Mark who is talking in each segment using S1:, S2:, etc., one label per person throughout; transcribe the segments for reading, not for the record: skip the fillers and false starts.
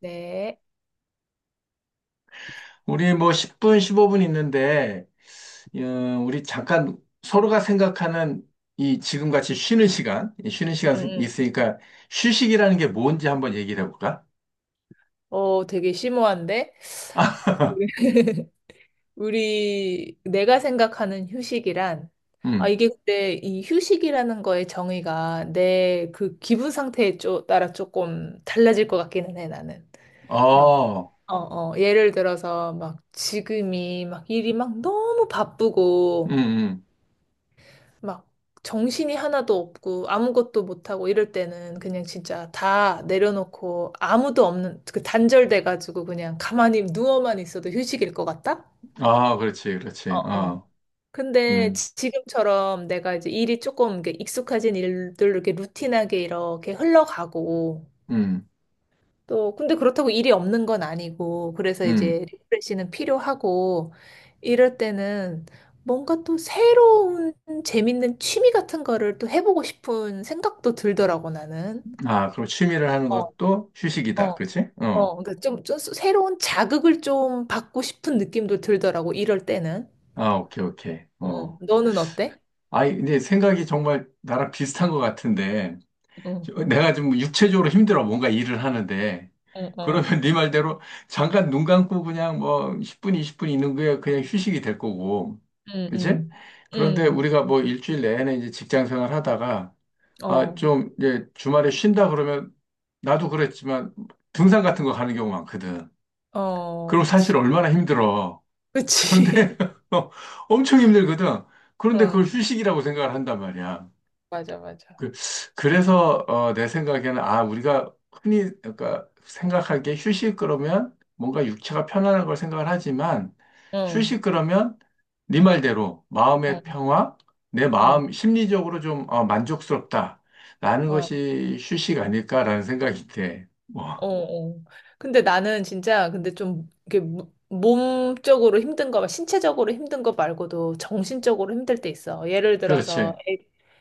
S1: 네.
S2: 우리 뭐 10분, 15분 있는데, 어, 우리 잠깐 서로가 생각하는 이 지금같이 쉬는 시간, 이 쉬는
S1: 응,
S2: 시간
S1: 응.
S2: 있으니까 휴식이라는 게 뭔지 한번 얘기를 해볼까?
S1: 어, 되게 심오한데? 내가 생각하는 휴식이란, 아,
S2: 음,
S1: 이게 근데 이 휴식이라는 거의 정의가 내 그 기분 상태에 따라 조금 달라질 것 같기는 해, 나는. 막,
S2: 어,
S1: 어, 어, 예를 들어서 막 지금이 막 일이 막 너무
S2: 음,
S1: 바쁘고,
S2: 음.
S1: 막 정신이 하나도 없고 아무것도 못하고 이럴 때는 그냥 진짜 다 내려놓고 아무도 없는 그 단절돼가지고 그냥 가만히 누워만 있어도 휴식일 것 같다?
S2: 아, 그렇지, 그렇지.
S1: 어, 어. 근데
S2: 음,
S1: 지금처럼 내가 이제 일이 조금 이렇게 익숙해진 일들 이렇게 루틴하게 이렇게 흘러가고
S2: 음,
S1: 또, 근데 그렇다고 일이 없는 건 아니고, 그래서
S2: 음.
S1: 이제 리프레시는 필요하고, 이럴 때는 뭔가 또 새로운 재밌는 취미 같은 거를 또 해보고 싶은 생각도 들더라고, 나는.
S2: 아, 그럼 취미를 하는
S1: 어,
S2: 것도 휴식이다.
S1: 어,
S2: 그렇지?
S1: 어. 그러니까 좀 새로운 자극을 좀 받고 싶은 느낌도 들더라고, 이럴 때는.
S2: 아, 오케이, 오케이. 어.
S1: 어, 너는 어때?
S2: 아, 근데 생각이 정말 나랑 비슷한 것 같은데,
S1: 응,
S2: 내가 지금 육체적으로 힘들어 뭔가 일을 하는데
S1: 응, 어,
S2: 그러면 네 말대로 잠깐 눈 감고 그냥 뭐 10분, 20분 있는 게 그냥 휴식이 될 거고.
S1: 응,
S2: 그치?
S1: 응,
S2: 그런데
S1: 응,
S2: 우리가 뭐 일주일 내내 이제 직장 생활 하다가 아,
S1: 어,
S2: 좀 이제 주말에 쉰다 그러면 나도 그랬지만 등산 같은 거 가는 경우 많거든.
S1: 어,
S2: 그럼
S1: 그치.
S2: 사실 얼마나 힘들어. 그런데
S1: 그치.
S2: 엄청 힘들거든. 그런데 그걸
S1: 응,
S2: 휴식이라고 생각을 한단 말이야.
S1: 맞아, 맞아.
S2: 그, 그래서 내 생각에는 아 우리가 흔히 그러니까 생각하기에 휴식 그러면 뭔가 육체가 편안한 걸 생각을 하지만
S1: 응,
S2: 휴식 그러면 네 말대로 마음의
S1: 응.
S2: 평화, 내
S1: 응.
S2: 마음 심리적으로 좀 만족스럽다라는
S1: 어,
S2: 것이 휴식 아닐까라는 생각이 돼.
S1: 어,
S2: 뭐
S1: 어. 근데 나는 진짜 근데 좀 이게 몸적으로 힘든 거, 신체적으로 힘든 거 말고도 정신적으로 힘들 때 있어. 예를 들어서
S2: 그렇지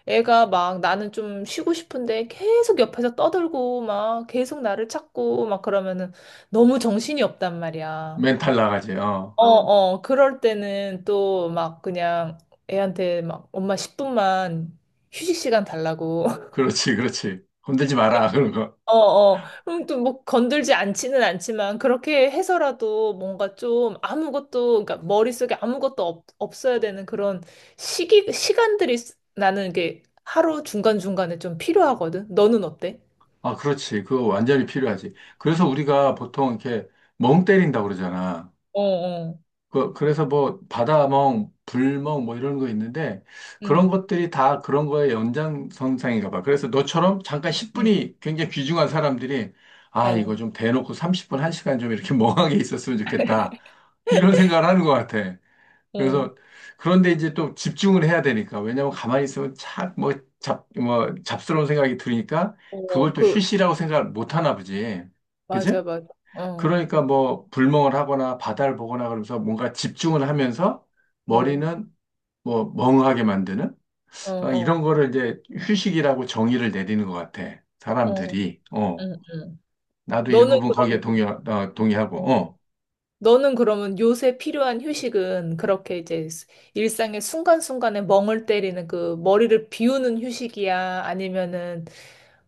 S1: 애가 막 나는 좀 쉬고 싶은데 계속 옆에서 떠들고 막 계속 나를 찾고 막 그러면은 너무 정신이 없단 말이야.
S2: 멘탈 나가지. 어
S1: 어, 어, 어. 그럴 때는 또 막 그냥 애한테 막 엄마 10분만 휴식 시간 달라고.
S2: 그렇지 그렇지 건들지 마라 그런 거.
S1: 어, 어. 그럼 또 뭐 건들지 않지는 않지만 그렇게 해서라도 뭔가 좀 아무것도 그러니까 머릿속에 아무것도 없, 없어야 되는 그런 시기 시간들이 나는 이게 하루 중간중간에 좀 필요하거든. 너는 어때?
S2: 아 그렇지 그거 완전히 필요하지. 그래서 우리가 보통 이렇게 멍 때린다고 그러잖아.
S1: 어, 어.
S2: 그래서 뭐 바다멍, 불멍 뭐 이런 거 있는데 그런
S1: 응.
S2: 것들이 다 그런 거의 연장선상인가 봐. 그래서 너처럼 잠깐
S1: 응.
S2: 10분이 굉장히 귀중한 사람들이 아,
S1: 어.
S2: 이거 좀 대놓고 30분, 1시간 좀 이렇게 멍하게 있었으면 좋겠다. 이런 생각을 하는 것 같아.
S1: 어.
S2: 그래서 그런데 이제 또 집중을 해야 되니까 왜냐면 가만히 있으면 착뭐 잡, 뭐 잡스러운 생각이 들으니까
S1: 어.
S2: 그걸 또
S1: 그
S2: 휴식이라고 생각 못 하나 보지. 그지?
S1: 맞아, 맞아. 어.
S2: 그러니까 뭐 불멍을 하거나 바다를 보거나 그러면서 뭔가 집중을 하면서
S1: 어.
S2: 머리는 뭐 멍하게 만드는
S1: 어.
S2: 이런
S1: 어.
S2: 거를 이제 휴식이라고 정의를 내리는 것 같아.
S1: 어.
S2: 사람들이. 어.
S1: 응. 응.
S2: 나도
S1: 너는
S2: 일부분 거기에
S1: 그러면
S2: 동의, 동의하고. 어.
S1: 너는 그러면 요새 필요한 휴식은 그렇게 이제 일상의 순간순간에 멍을 때리는 그 머리를 비우는 휴식이야? 아니면은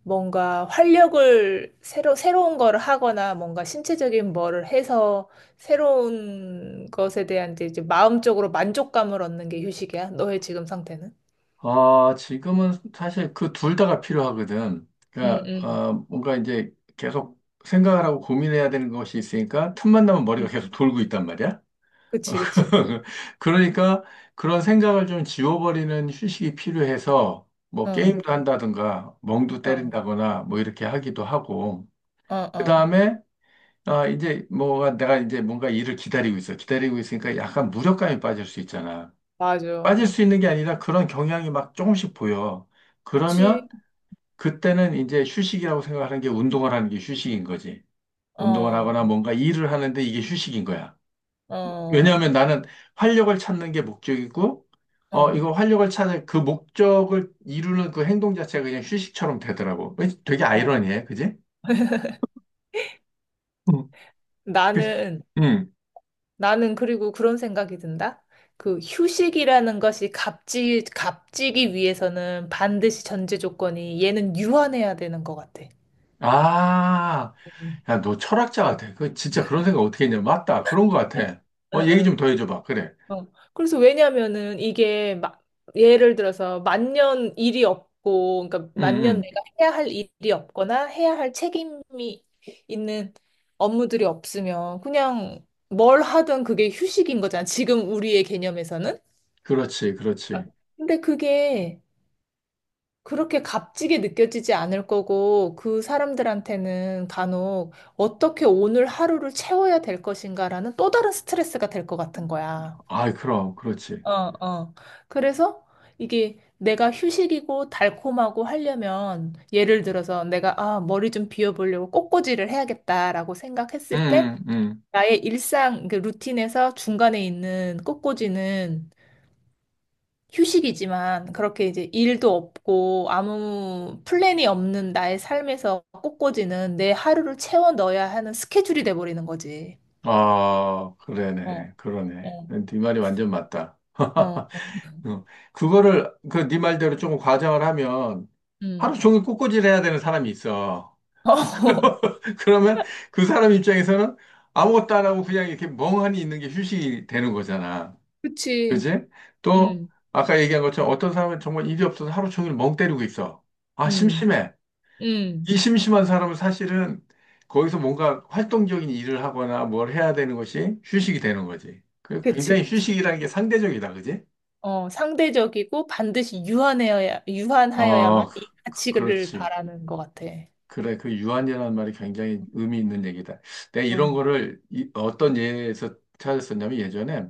S1: 뭔가 활력을 새로운 거를 하거나 뭔가 신체적인 뭐를 해서 새로운 것에 대한 이제 마음적으로 만족감을 얻는 게 휴식이야? 너의 지금 상태는?
S2: 지금은 사실 그 둘 다가 필요하거든.
S1: 응,
S2: 그러니까
S1: 응,
S2: 뭔가 이제 계속 생각을 하고 고민해야 되는 것이 있으니까 틈만 나면 머리가
S1: 응.
S2: 계속 돌고 있단 말이야.
S1: 그치, 그치.
S2: 그러니까 그런 생각을 좀 지워버리는 휴식이 필요해서 뭐
S1: 어,
S2: 게임도 한다든가 멍도
S1: 어,
S2: 때린다거나 뭐 이렇게 하기도 하고
S1: 어, 어.
S2: 그다음에 아 이제 뭐가 내가 이제 뭔가 일을 기다리고 있어. 기다리고 있으니까 약간 무력감이 빠질 수 있잖아. 빠질
S1: 맞아.
S2: 수 있는 게 아니라 그런 경향이 막 조금씩 보여. 그러면
S1: 그치.
S2: 그때는 이제 휴식이라고 생각하는 게 운동을 하는 게 휴식인 거지.
S1: 어,
S2: 운동을
S1: 어,
S2: 하거나 뭔가 일을 하는데 이게 휴식인 거야.
S1: 어,
S2: 왜냐하면 나는 활력을 찾는 게 목적이고,
S1: 어,
S2: 이거 활력을 찾는 그 목적을 이루는 그 행동 자체가 그냥 휴식처럼 되더라고. 왠지 되게
S1: 어.
S2: 아이러니해, 그지? 응. 그-
S1: 나는,
S2: 응.
S1: 나는 그리고 그런 생각이 든다. 그 휴식이라는 것이 값지기 위해서는 반드시 전제 조건이 얘는 유한해야 되는 것 같아.
S2: 아,
S1: 응,
S2: 야, 너 철학자 같아. 그 진짜 그런 생각 어떻게 했냐? 맞다. 그런 것 같아. 얘기 좀
S1: 응.
S2: 더 해줘봐. 그래.
S1: 어. 그래서 왜냐면은 이게 막 예를 들어서 만년 일이 없고, 그러니까
S2: 응,
S1: 만년
S2: 응.
S1: 내가 해야 할 일이 없거나 해야 할 책임이 있는 업무들이 없으면 그냥 뭘 하든 그게 휴식인 거잖아. 지금 우리의 개념에서는.
S2: 그렇지, 그렇지.
S1: 근데 그게 그렇게 값지게 느껴지지 않을 거고, 그 사람들한테는 간혹 어떻게 오늘 하루를 채워야 될 것인가라는 또 다른 스트레스가 될 것 같은 거야.
S2: 아이, 그럼, 그렇지.
S1: 어, 어. 그래서 이게 내가 휴식이고 달콤하고 하려면, 예를 들어서 내가, 아, 머리 좀 비워보려고 꽃꽂이를 해야겠다라고
S2: 응,
S1: 생각했을 때,
S2: 응, 응.
S1: 나의 일상, 그 루틴에서 중간에 있는 꽃꽂이는 휴식이지만 그렇게 이제 일도 없고 아무 플랜이 없는 나의 삶에서 꽂꽂이는 내 하루를 채워 넣어야 하는 스케줄이 돼버리는 거지.
S2: 아, 그러네,
S1: 어,
S2: 그러네.
S1: 어,
S2: 네 말이 완전 맞다.
S1: 어, 어,
S2: 어, 그거를 그 네 말대로 조금 과장을 하면 하루
S1: 음.
S2: 종일 꽃꽂이를 해야 되는 사람이 있어.
S1: 어,
S2: 그러면 그 사람 입장에서는 아무것도 안 하고 그냥 이렇게 멍하니 있는 게 휴식이 되는 거잖아.
S1: 그치.
S2: 그지? 또
S1: 음,
S2: 아까 얘기한 것처럼 어떤 사람은 정말 일이 없어서 하루 종일 멍 때리고 있어. 아,
S1: 음,
S2: 심심해.
S1: 음.
S2: 이 심심한 사람은 사실은 거기서 뭔가 활동적인 일을 하거나 뭘 해야 되는 것이 휴식이 되는 거지. 그
S1: 그치,
S2: 굉장히
S1: 그치.
S2: 휴식이라는 게 상대적이다. 그지?
S1: 어, 상대적이고 반드시 유한하여야만
S2: 어, 그-
S1: 이 가치를
S2: 그렇지.
S1: 바라는 것 같아.
S2: 그래, 그 유한이라는 말이 굉장히 의미 있는 얘기다. 내가 이런
S1: 어,
S2: 거를 어떤 예에서 찾았었냐면 예전에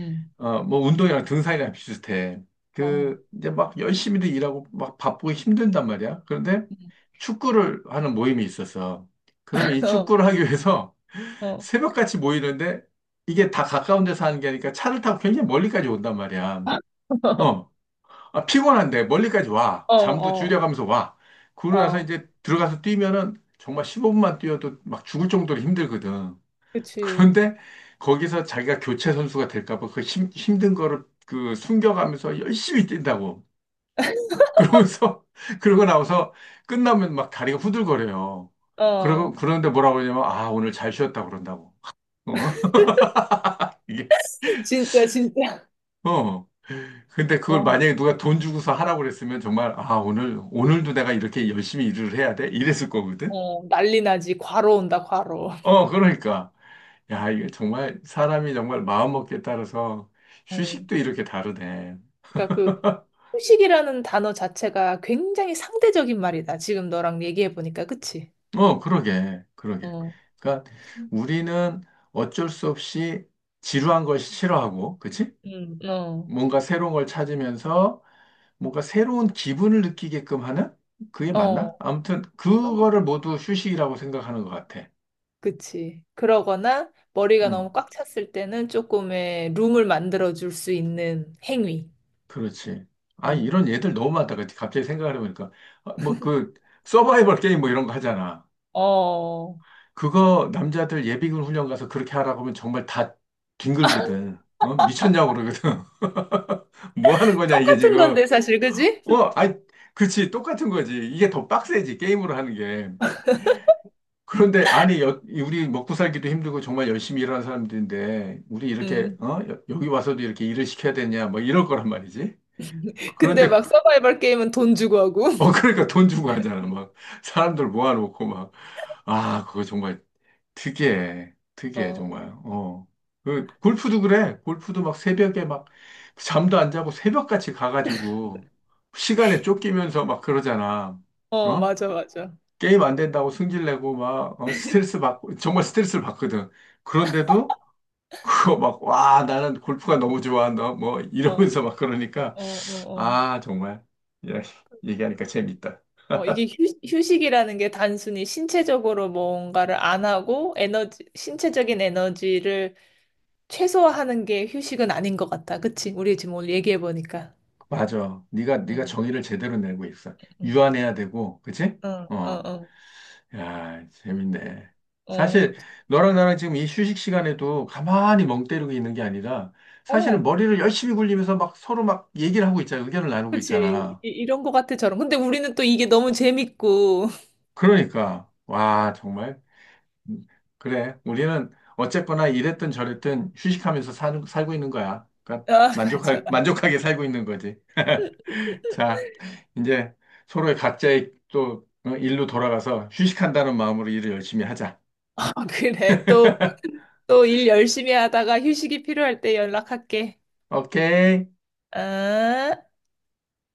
S1: 음,
S2: 뭐 운동이랑 등산이랑 비슷해.
S1: 어,
S2: 그 이제 막 열심히도 일하고 막 바쁘고 힘든단 말이야. 그런데
S1: 음.
S2: 축구를 하는 모임이 있었어. 그러면 이
S1: 어,
S2: 축구를 하기 위해서
S1: 어,
S2: 새벽같이 모이는데 이게 다 가까운 데서 하는 게 아니니까 차를 타고 굉장히 멀리까지 온단 말이야. 어, 아, 피곤한데 멀리까지 와.
S1: 어,
S2: 잠도
S1: 어,
S2: 줄여가면서 와. 그러고 나서
S1: 어,
S2: 이제 들어가서 뛰면은 정말 15분만 뛰어도 막 죽을 정도로 힘들거든.
S1: 그치.
S2: 그런데 거기서 자기가 교체 선수가 될까 봐 그 힘든 거를 그 숨겨가면서 열심히 뛴다고. 그러면서 그러고 나서 끝나면 막 다리가 후들거려요. 그러고
S1: 어,
S2: 그런데 뭐라고 그러냐면 아, 오늘 잘 쉬었다 그런다고. 어? 이게
S1: 진짜, 진짜.
S2: 어. 근데 그걸
S1: 어,
S2: 만약에 누가 돈 주고서 하라고 그랬으면 정말, 오늘도 내가 이렇게 열심히 일을 해야 돼? 이랬을 거거든?
S1: 어, 난리 나지. 과로 온다, 과로.
S2: 어, 그러니까. 야, 이게 정말 사람이 정말 마음먹기에 따라서
S1: 음.
S2: 휴식도 이렇게 다르네.
S1: 그러니까 그 후식이라는 단어 자체가 굉장히 상대적인 말이다. 지금 너랑 얘기해 보니까, 그치?
S2: 어, 그러게, 그러게.
S1: 어,
S2: 그러니까 우리는 어쩔 수 없이 지루한 걸 싫어하고, 그치?
S1: 어,
S2: 뭔가 새로운 걸 찾으면서 뭔가 새로운 기분을 느끼게끔 하는? 그게 맞나?
S1: 어,
S2: 아무튼,
S1: 그런 거.
S2: 그거를 모두 휴식이라고 생각하는 것 같아.
S1: 그치. 그러거나 머리가
S2: 음.
S1: 너무 꽉 찼을 때는 조금의 룸을 만들어 줄 수 있는 행위.
S2: 그렇지. 아,
S1: 음.
S2: 이런 얘들 너무 많다. 그 갑자기 생각을 해보니까. 어, 뭐그 서바이벌 게임 뭐 이런 거 하잖아.
S1: 어,
S2: 그거 남자들 예비군 훈련 가서 그렇게 하라고 하면 정말 다 뒹굴거든. 어? 미쳤냐고 그러거든. 뭐 하는 거냐, 이게
S1: 똑같은
S2: 지금.
S1: 건데, 사실, 그지?
S2: 어, 아이, 그치. 똑같은 거지. 이게 더 빡세지, 게임으로 하는 게. 그런데, 아니, 우리 먹고 살기도 힘들고 정말 열심히 일하는 사람들인데, 우리 이렇게,
S1: 음.
S2: 어? 여기 와서도 이렇게 일을 시켜야 되냐, 뭐 이럴 거란 말이지.
S1: 근데
S2: 그런데
S1: 막 서바이벌 게임은 돈 주고 하고.
S2: 그러니까 돈 주고 하잖아. 막, 사람들 모아놓고 막, 아, 그거 정말 특이해. 특이해,
S1: 어.
S2: 정말. 어. 그, 골프도 그래. 골프도 막 새벽에 막, 잠도 안 자고 새벽같이 가가지고, 시간에 쫓기면서 막 그러잖아.
S1: 어,
S2: 어?
S1: 맞아, 맞아.
S2: 게임 안 된다고 승질내고 막, 스트레스 받고, 정말 스트레스를 받거든. 그런데도, 그거 막, 와, 나는 골프가 너무 좋아한다. 뭐,
S1: 어, 어,
S2: 이러면서 막 그러니까,
S1: 어, 어.
S2: 아, 정말. 야, 얘기하니까
S1: 그러니까,
S2: 재밌다.
S1: 어, 이게 휴식이라는 게 단순히 신체적으로 뭔가를 안 하고 에너지, 신체적인 에너지를 최소화하는 게 휴식은 아닌 것 같다. 그치? 우리 지금 오늘 얘기해 보니까.
S2: 맞아. 네가
S1: 응,
S2: 정의를 제대로 내고 있어.
S1: 응,
S2: 유한해야 되고, 그치?
S1: 응,
S2: 어,
S1: 어,
S2: 야, 재밌네.
S1: 어, 어.
S2: 사실 너랑 나랑 지금 이 휴식 시간에도 가만히 멍 때리고 있는 게 아니라 사실은
S1: 어,
S2: 머리를 열심히 굴리면서 막 서로 막 얘기를 하고 있잖아. 의견을 나누고
S1: 그치.
S2: 있잖아.
S1: 이런 것 같아, 저런. 근데 우리는 또 이게 너무 재밌고.
S2: 그러니까 와, 정말 음, 그래. 우리는 어쨌거나 이랬든 저랬든 휴식하면서 살고 있는 거야. 그러니까
S1: 아, 맞아.
S2: 만족할 만족하게 살고 있는 거지. 자, 이제 서로의 각자의 또 어, 일로 돌아가서 휴식한다는 마음으로 일을 열심히 하자.
S1: 아, 그래. 또 일 열심히 하다가 휴식이 필요할 때 연락할게.
S2: 오케이.
S1: 아.